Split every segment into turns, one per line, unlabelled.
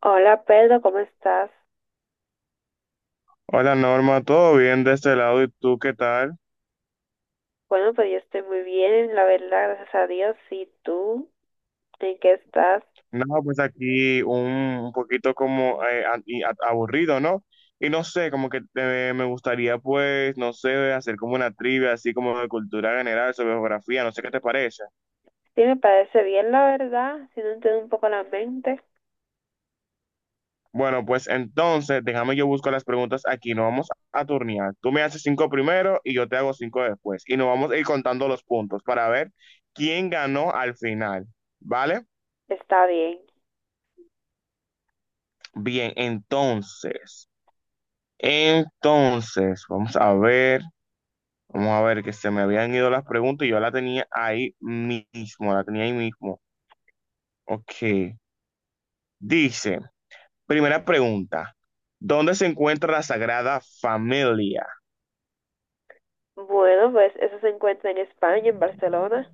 Hola Pedro, ¿cómo estás?
Hola Norma, ¿todo bien de este lado? ¿Y tú qué tal?
Bueno, pues yo estoy muy bien, la verdad, gracias a Dios. ¿Y tú? ¿En qué estás?
No, pues aquí un poquito como aburrido, ¿no? Y no sé, como que me gustaría pues, no sé, hacer como una trivia así como de cultura general, sobre geografía, no sé qué te parece.
Sí, me parece bien, la verdad. Si no entiendo un poco la mente,
Bueno, pues entonces, déjame yo buscar las preguntas aquí, nos vamos a turnear. Tú me haces cinco primero y yo te hago cinco después. Y nos vamos a ir contando los puntos para ver quién ganó al final, ¿vale?
está bien.
Bien, entonces. Entonces, vamos a ver que se me habían ido las preguntas y yo la tenía ahí mismo, la tenía ahí mismo. Ok, dice, primera pregunta, ¿dónde se encuentra la Sagrada Familia?
Bueno, pues eso se encuentra en España, en Barcelona.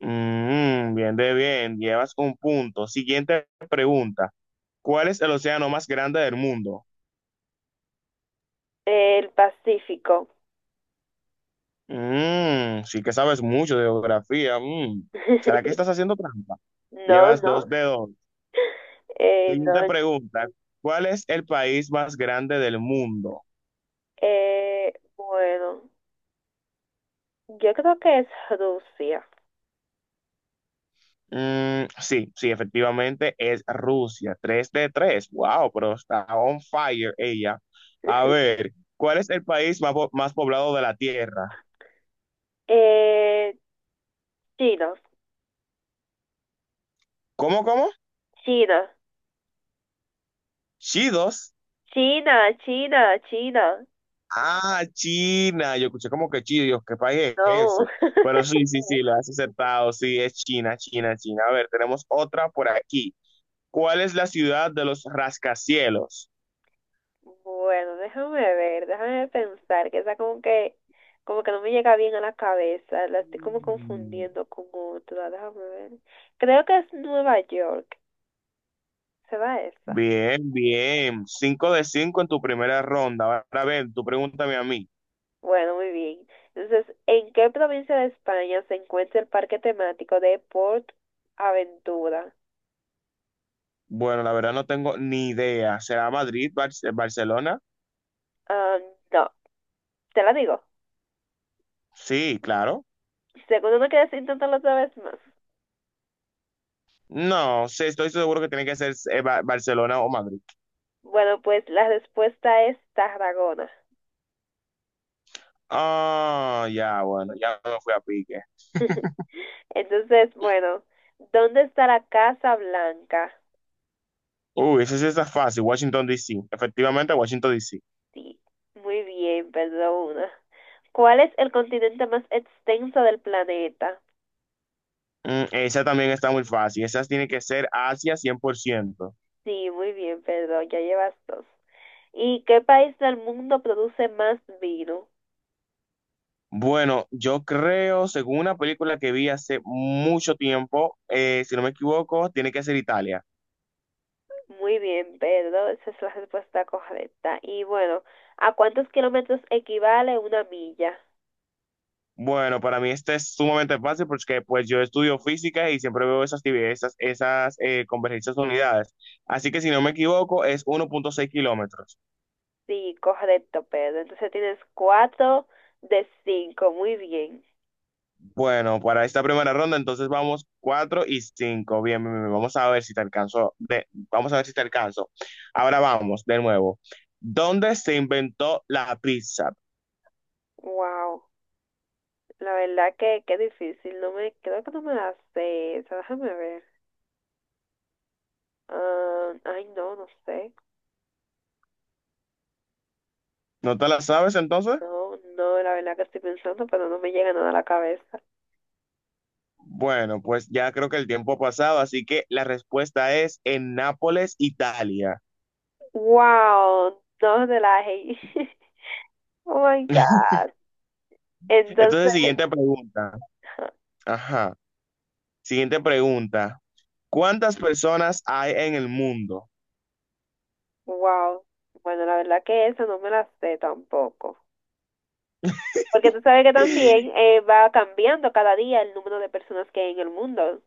Bien de bien, llevas un punto. Siguiente pregunta, ¿cuál es el océano más grande del mundo?
El Pacífico.
Sí que sabes mucho de geografía. Mm. ¿Será que estás haciendo trampa?
No,
Llevas
no.
dos dedos.
Eh,
Siguiente
no.
pregunta. ¿Cuál es el país más grande del mundo?
Bueno, yo creo que es Rusia.
Sí, sí, efectivamente es Rusia. 3 de 3. Wow, pero está on fire ella. A ver, ¿cuál es el país más, más poblado de la Tierra?
Eh, China.
¿Cómo, cómo?
China.
Chidos.
China, China, China.
Ah, China. Yo escuché como que chidos, ¿qué país es ese?
No.
Pero sí, sí, sí, lo has aceptado. Sí, es China, China, China. A ver, tenemos otra por aquí. ¿Cuál es la ciudad de los rascacielos?
Bueno, déjame ver, déjame pensar, que esa como que no me llega bien a la cabeza, la estoy como confundiendo con otra, déjame ver. Creo que es Nueva York, ¿será esa?
Bien, bien. 5 de 5 en tu primera ronda. Ahora, a ver, tú pregúntame a mí.
Bueno, muy bien. Entonces, ¿en qué provincia de España se encuentra el parque temático de Port Aventura?
Bueno, la verdad no tengo ni idea. ¿Será Madrid, Barcelona?
Ah, no, te la digo.
Sí, claro.
Seguro no quieres intentarlo otra vez más.
No, sí, estoy seguro que tiene que ser Barcelona o Madrid.
Bueno, pues la respuesta es Tarragona.
Ah, ya, bueno, ya me fui a pique.
Entonces, bueno, ¿dónde está la Casa Blanca?
Uy, esa sí está fácil. Washington, D.C. Efectivamente, Washington, D.C.
Sí, muy bien, perdona. ¿Cuál es el continente más extenso del planeta?
Esa también está muy fácil. Esa tiene que ser Asia 100%.
Sí, muy bien, perdón, ya llevas dos. ¿Y qué país del mundo produce más vino?
Bueno, yo creo, según una película que vi hace mucho tiempo, si no me equivoco, tiene que ser Italia.
Muy bien, Pedro, esa es la respuesta correcta. Y bueno, ¿a cuántos kilómetros equivale una milla?
Bueno, para mí este es sumamente fácil porque pues yo estudio física y siempre veo esas convergencias de unidades. Así que si no me equivoco, es 1,6 kilómetros.
Sí, correcto, Pedro. Entonces tienes cuatro de cinco, muy bien.
Bueno, para esta primera ronda, entonces vamos 4 y 5. Bien, bien, bien. Vamos a ver si te alcanzo. Vamos a ver si te alcanzo. Ahora vamos, de nuevo. ¿Dónde se inventó la pizza?
Wow. La verdad que qué difícil, creo que no me la sé, esa, déjame ver. Ah, ay, no, no sé.
¿No te la sabes entonces?
No, no, la verdad que estoy pensando, pero no me llega nada a la cabeza.
Bueno, pues ya creo que el tiempo ha pasado, así que la respuesta es en Nápoles, Italia.
Wow, no de la hey Oh my God. Entonces,
Entonces, siguiente pregunta.
ajá,
Ajá. Siguiente pregunta. ¿Cuántas personas hay en el mundo?
wow. Bueno, la verdad que esa no me la sé tampoco. Porque tú sabes que también va cambiando cada día el número de personas que hay en el mundo.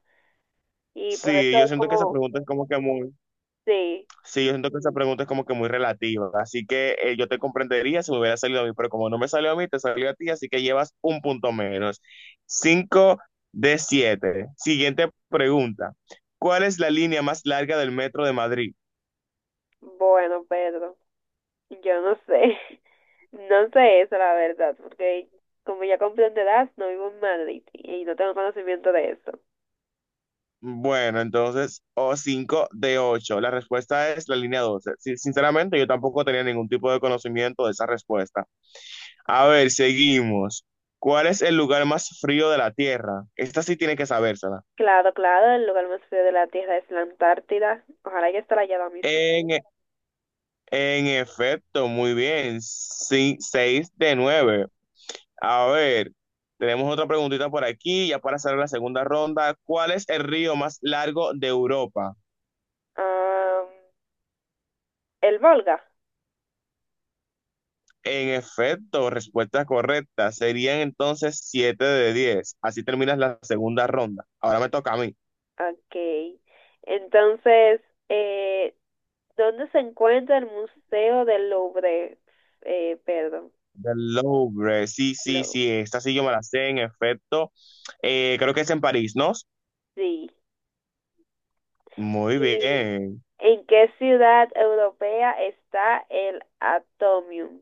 Y por
Sí,
eso
yo
es
siento que esa
como,
pregunta es como que muy.
sí,
Sí, yo siento que esa pregunta es como que muy relativa, así que yo te comprendería si me hubiera salido a mí, pero como no me salió a mí, te salió a ti, así que llevas un punto menos. Cinco de siete. Siguiente pregunta. ¿Cuál es la línea más larga del metro de Madrid?
bueno, Pedro, yo no sé. No sé eso, la verdad, porque como ya con de no vivo en Madrid y no tengo conocimiento de eso.
Bueno, entonces, o cinco de ocho. La respuesta es la línea 12. Sí, sinceramente, yo tampoco tenía ningún tipo de conocimiento de esa respuesta. A ver, seguimos. ¿Cuál es el lugar más frío de la Tierra? Esta sí tiene que sabérsela.
Claro, claro, el lugar más frío de la Tierra es la Antártida. Ojalá ya estará allá ahora mismo.
En, En efecto, muy bien. Sí, seis de nueve. A ver, tenemos otra preguntita por aquí, ya para hacer la segunda ronda. ¿Cuál es el río más largo de Europa?
Am, el Volga.
En efecto, respuesta correcta. Serían entonces siete de 10. Así terminas la segunda ronda. Ahora me toca a mí.
Ok. Entonces, eh, ¿dónde se encuentra el Museo del Louvre? Perdón,
Del Louvre, sí, sí,
Louvre.
sí, esta sí yo me la sé, en efecto. Creo que es en París, ¿no?
Sí.
Muy
¿Y
bien.
en qué ciudad europea está el Atomium?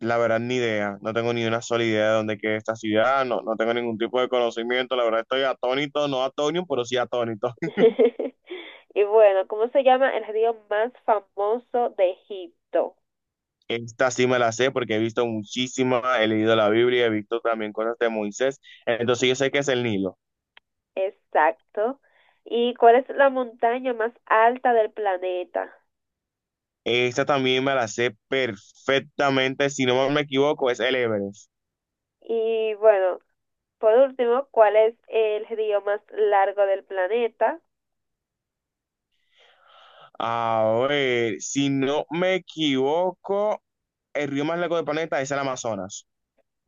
La verdad, ni idea. No tengo ni una sola idea de dónde queda esta ciudad. No, no tengo ningún tipo de conocimiento. La verdad, estoy atónito, no atónito, pero sí atónito.
Y bueno, ¿cómo se llama el río más famoso de Egipto?
Esta sí me la sé porque he visto muchísima, he leído la Biblia, he visto también cosas de Moisés. Entonces yo sé que es el Nilo.
Exacto. ¿Y cuál es la montaña más alta del planeta?
Esta también me la sé perfectamente. Si no me equivoco, es el Everest.
Y bueno, por último, ¿cuál es el río más largo del planeta?
A ver, si no me equivoco, el río más largo del planeta es el Amazonas.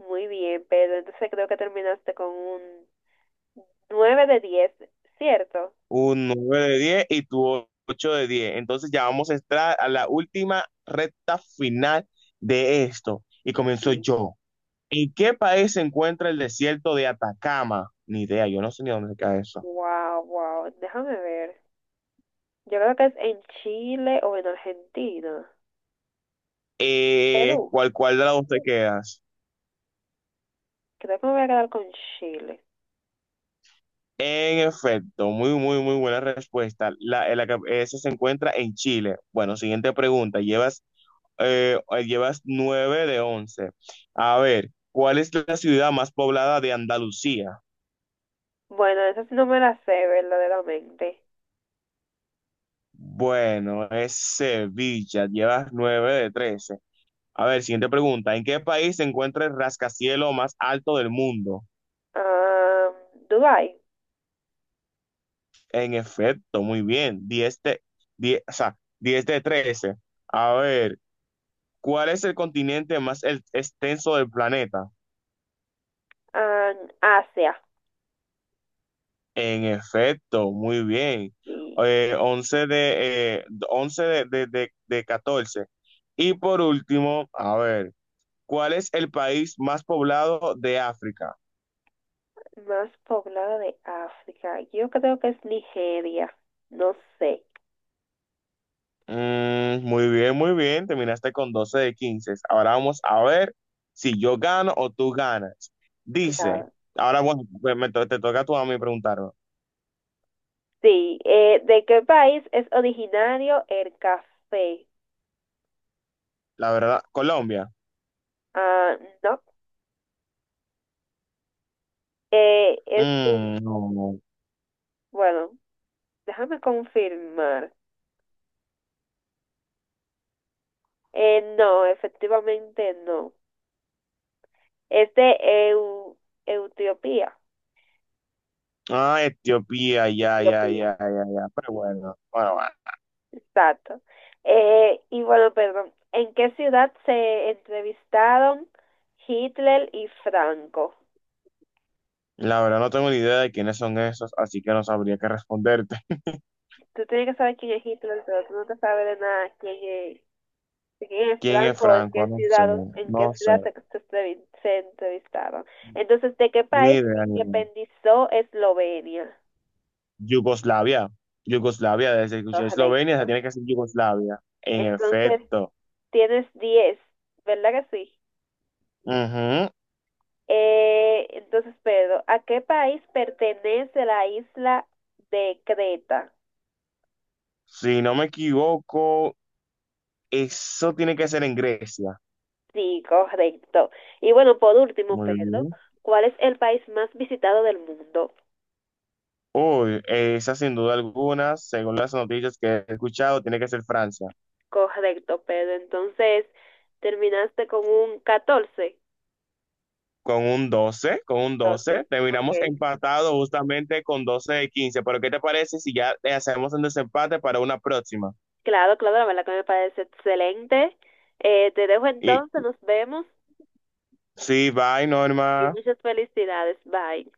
Muy bien, pero entonces creo que terminaste con un 9 de 10, ¿cierto?
Un 9 de 10 y tu 8 de 10. Entonces ya vamos a entrar a la última recta final de esto. Y comienzo
Sí.
yo. ¿En qué país se encuentra el desierto de Atacama? Ni idea, yo no sé ni dónde se queda eso.
Wow, wow. Déjame ver. Yo creo que es en Chile o en Argentina. Perú.
¿Cuál de las dos te quedas?
Creo que me voy a quedar con Chile.
En efecto, muy, muy, muy buena respuesta. Esa se encuentra en Chile. Bueno, siguiente pregunta. Eh, llevas 9 de 11. A ver, ¿cuál es la ciudad más poblada de Andalucía?
Bueno, esa sí no me la sé verdaderamente.
Bueno, es Sevilla. Llevas nueve de 13. A ver, siguiente pregunta. ¿En qué país se encuentra el rascacielos más alto del mundo?
Ah, Dubái,
En efecto, muy bien. 10 de, 10, o sea, 10 de 13. A ver, ¿cuál es el continente más extenso del planeta?
ah, Asia,
En efecto, muy bien.
y
11 de 14. Y por último, a ver, ¿cuál es el país más poblado de África?
más poblada de África. Yo creo que es Nigeria, no sé,
Muy bien, muy bien. Terminaste con 12 de 15. Ahora vamos a ver si yo gano o tú ganas. Dice,
claro.
ahora bueno, pues te toca tú a mí preguntarme.
Sí, ¿de qué país es originario el café?
La verdad, Colombia.
Ah, no, eh, es,
Mm, no. No.
bueno, déjame confirmar. No, efectivamente no. Es de Etiopía.
Ah, Etiopía, ya, ya,
Etiopía.
ya, ya, ya. Pero bueno, bueno, bueno.
Exacto. Y bueno, perdón, ¿en qué ciudad se entrevistaron Hitler y Franco?
La verdad no tengo ni idea de quiénes son esos, así que no sabría qué responderte.
Tú tienes que saber quién es Hitler, pero tú no te sabes de nada de quién es
¿Quién es
Franco o en
Franco?
qué
No sé,
ciudad, en qué
no sé.
ciudad se entrevistaron. Entonces, ¿de qué
Ni
país
idea, ni
se
idea.
independizó Eslovenia?
Yugoslavia. Yugoslavia, desde que escuché Eslovenia,
Correcto.
se tiene que decir Yugoslavia. En
Entonces,
efecto.
tienes 10. ¿Verdad que sí?
Ujú.
Entonces, Pedro, ¿a qué país pertenece la isla de Creta?
Si no me equivoco, eso tiene que ser en Grecia.
Sí, correcto. Y bueno, por último,
Muy
Pedro,
bien.
¿cuál es el país más visitado del mundo?
Uy, esa sin duda alguna, según las noticias que he escuchado, tiene que ser Francia.
Correcto, Pedro. Entonces, terminaste con un 14.
Con un 12, con un 12,
14, ok.
terminamos empatados justamente con 12 de 15. Pero ¿qué te parece si ya le hacemos un desempate para una próxima?
Claro, claro, la verdad que me parece excelente. Te dejo
Y
entonces, nos vemos
sí, bye,
y
Norma.
muchas felicidades. Bye.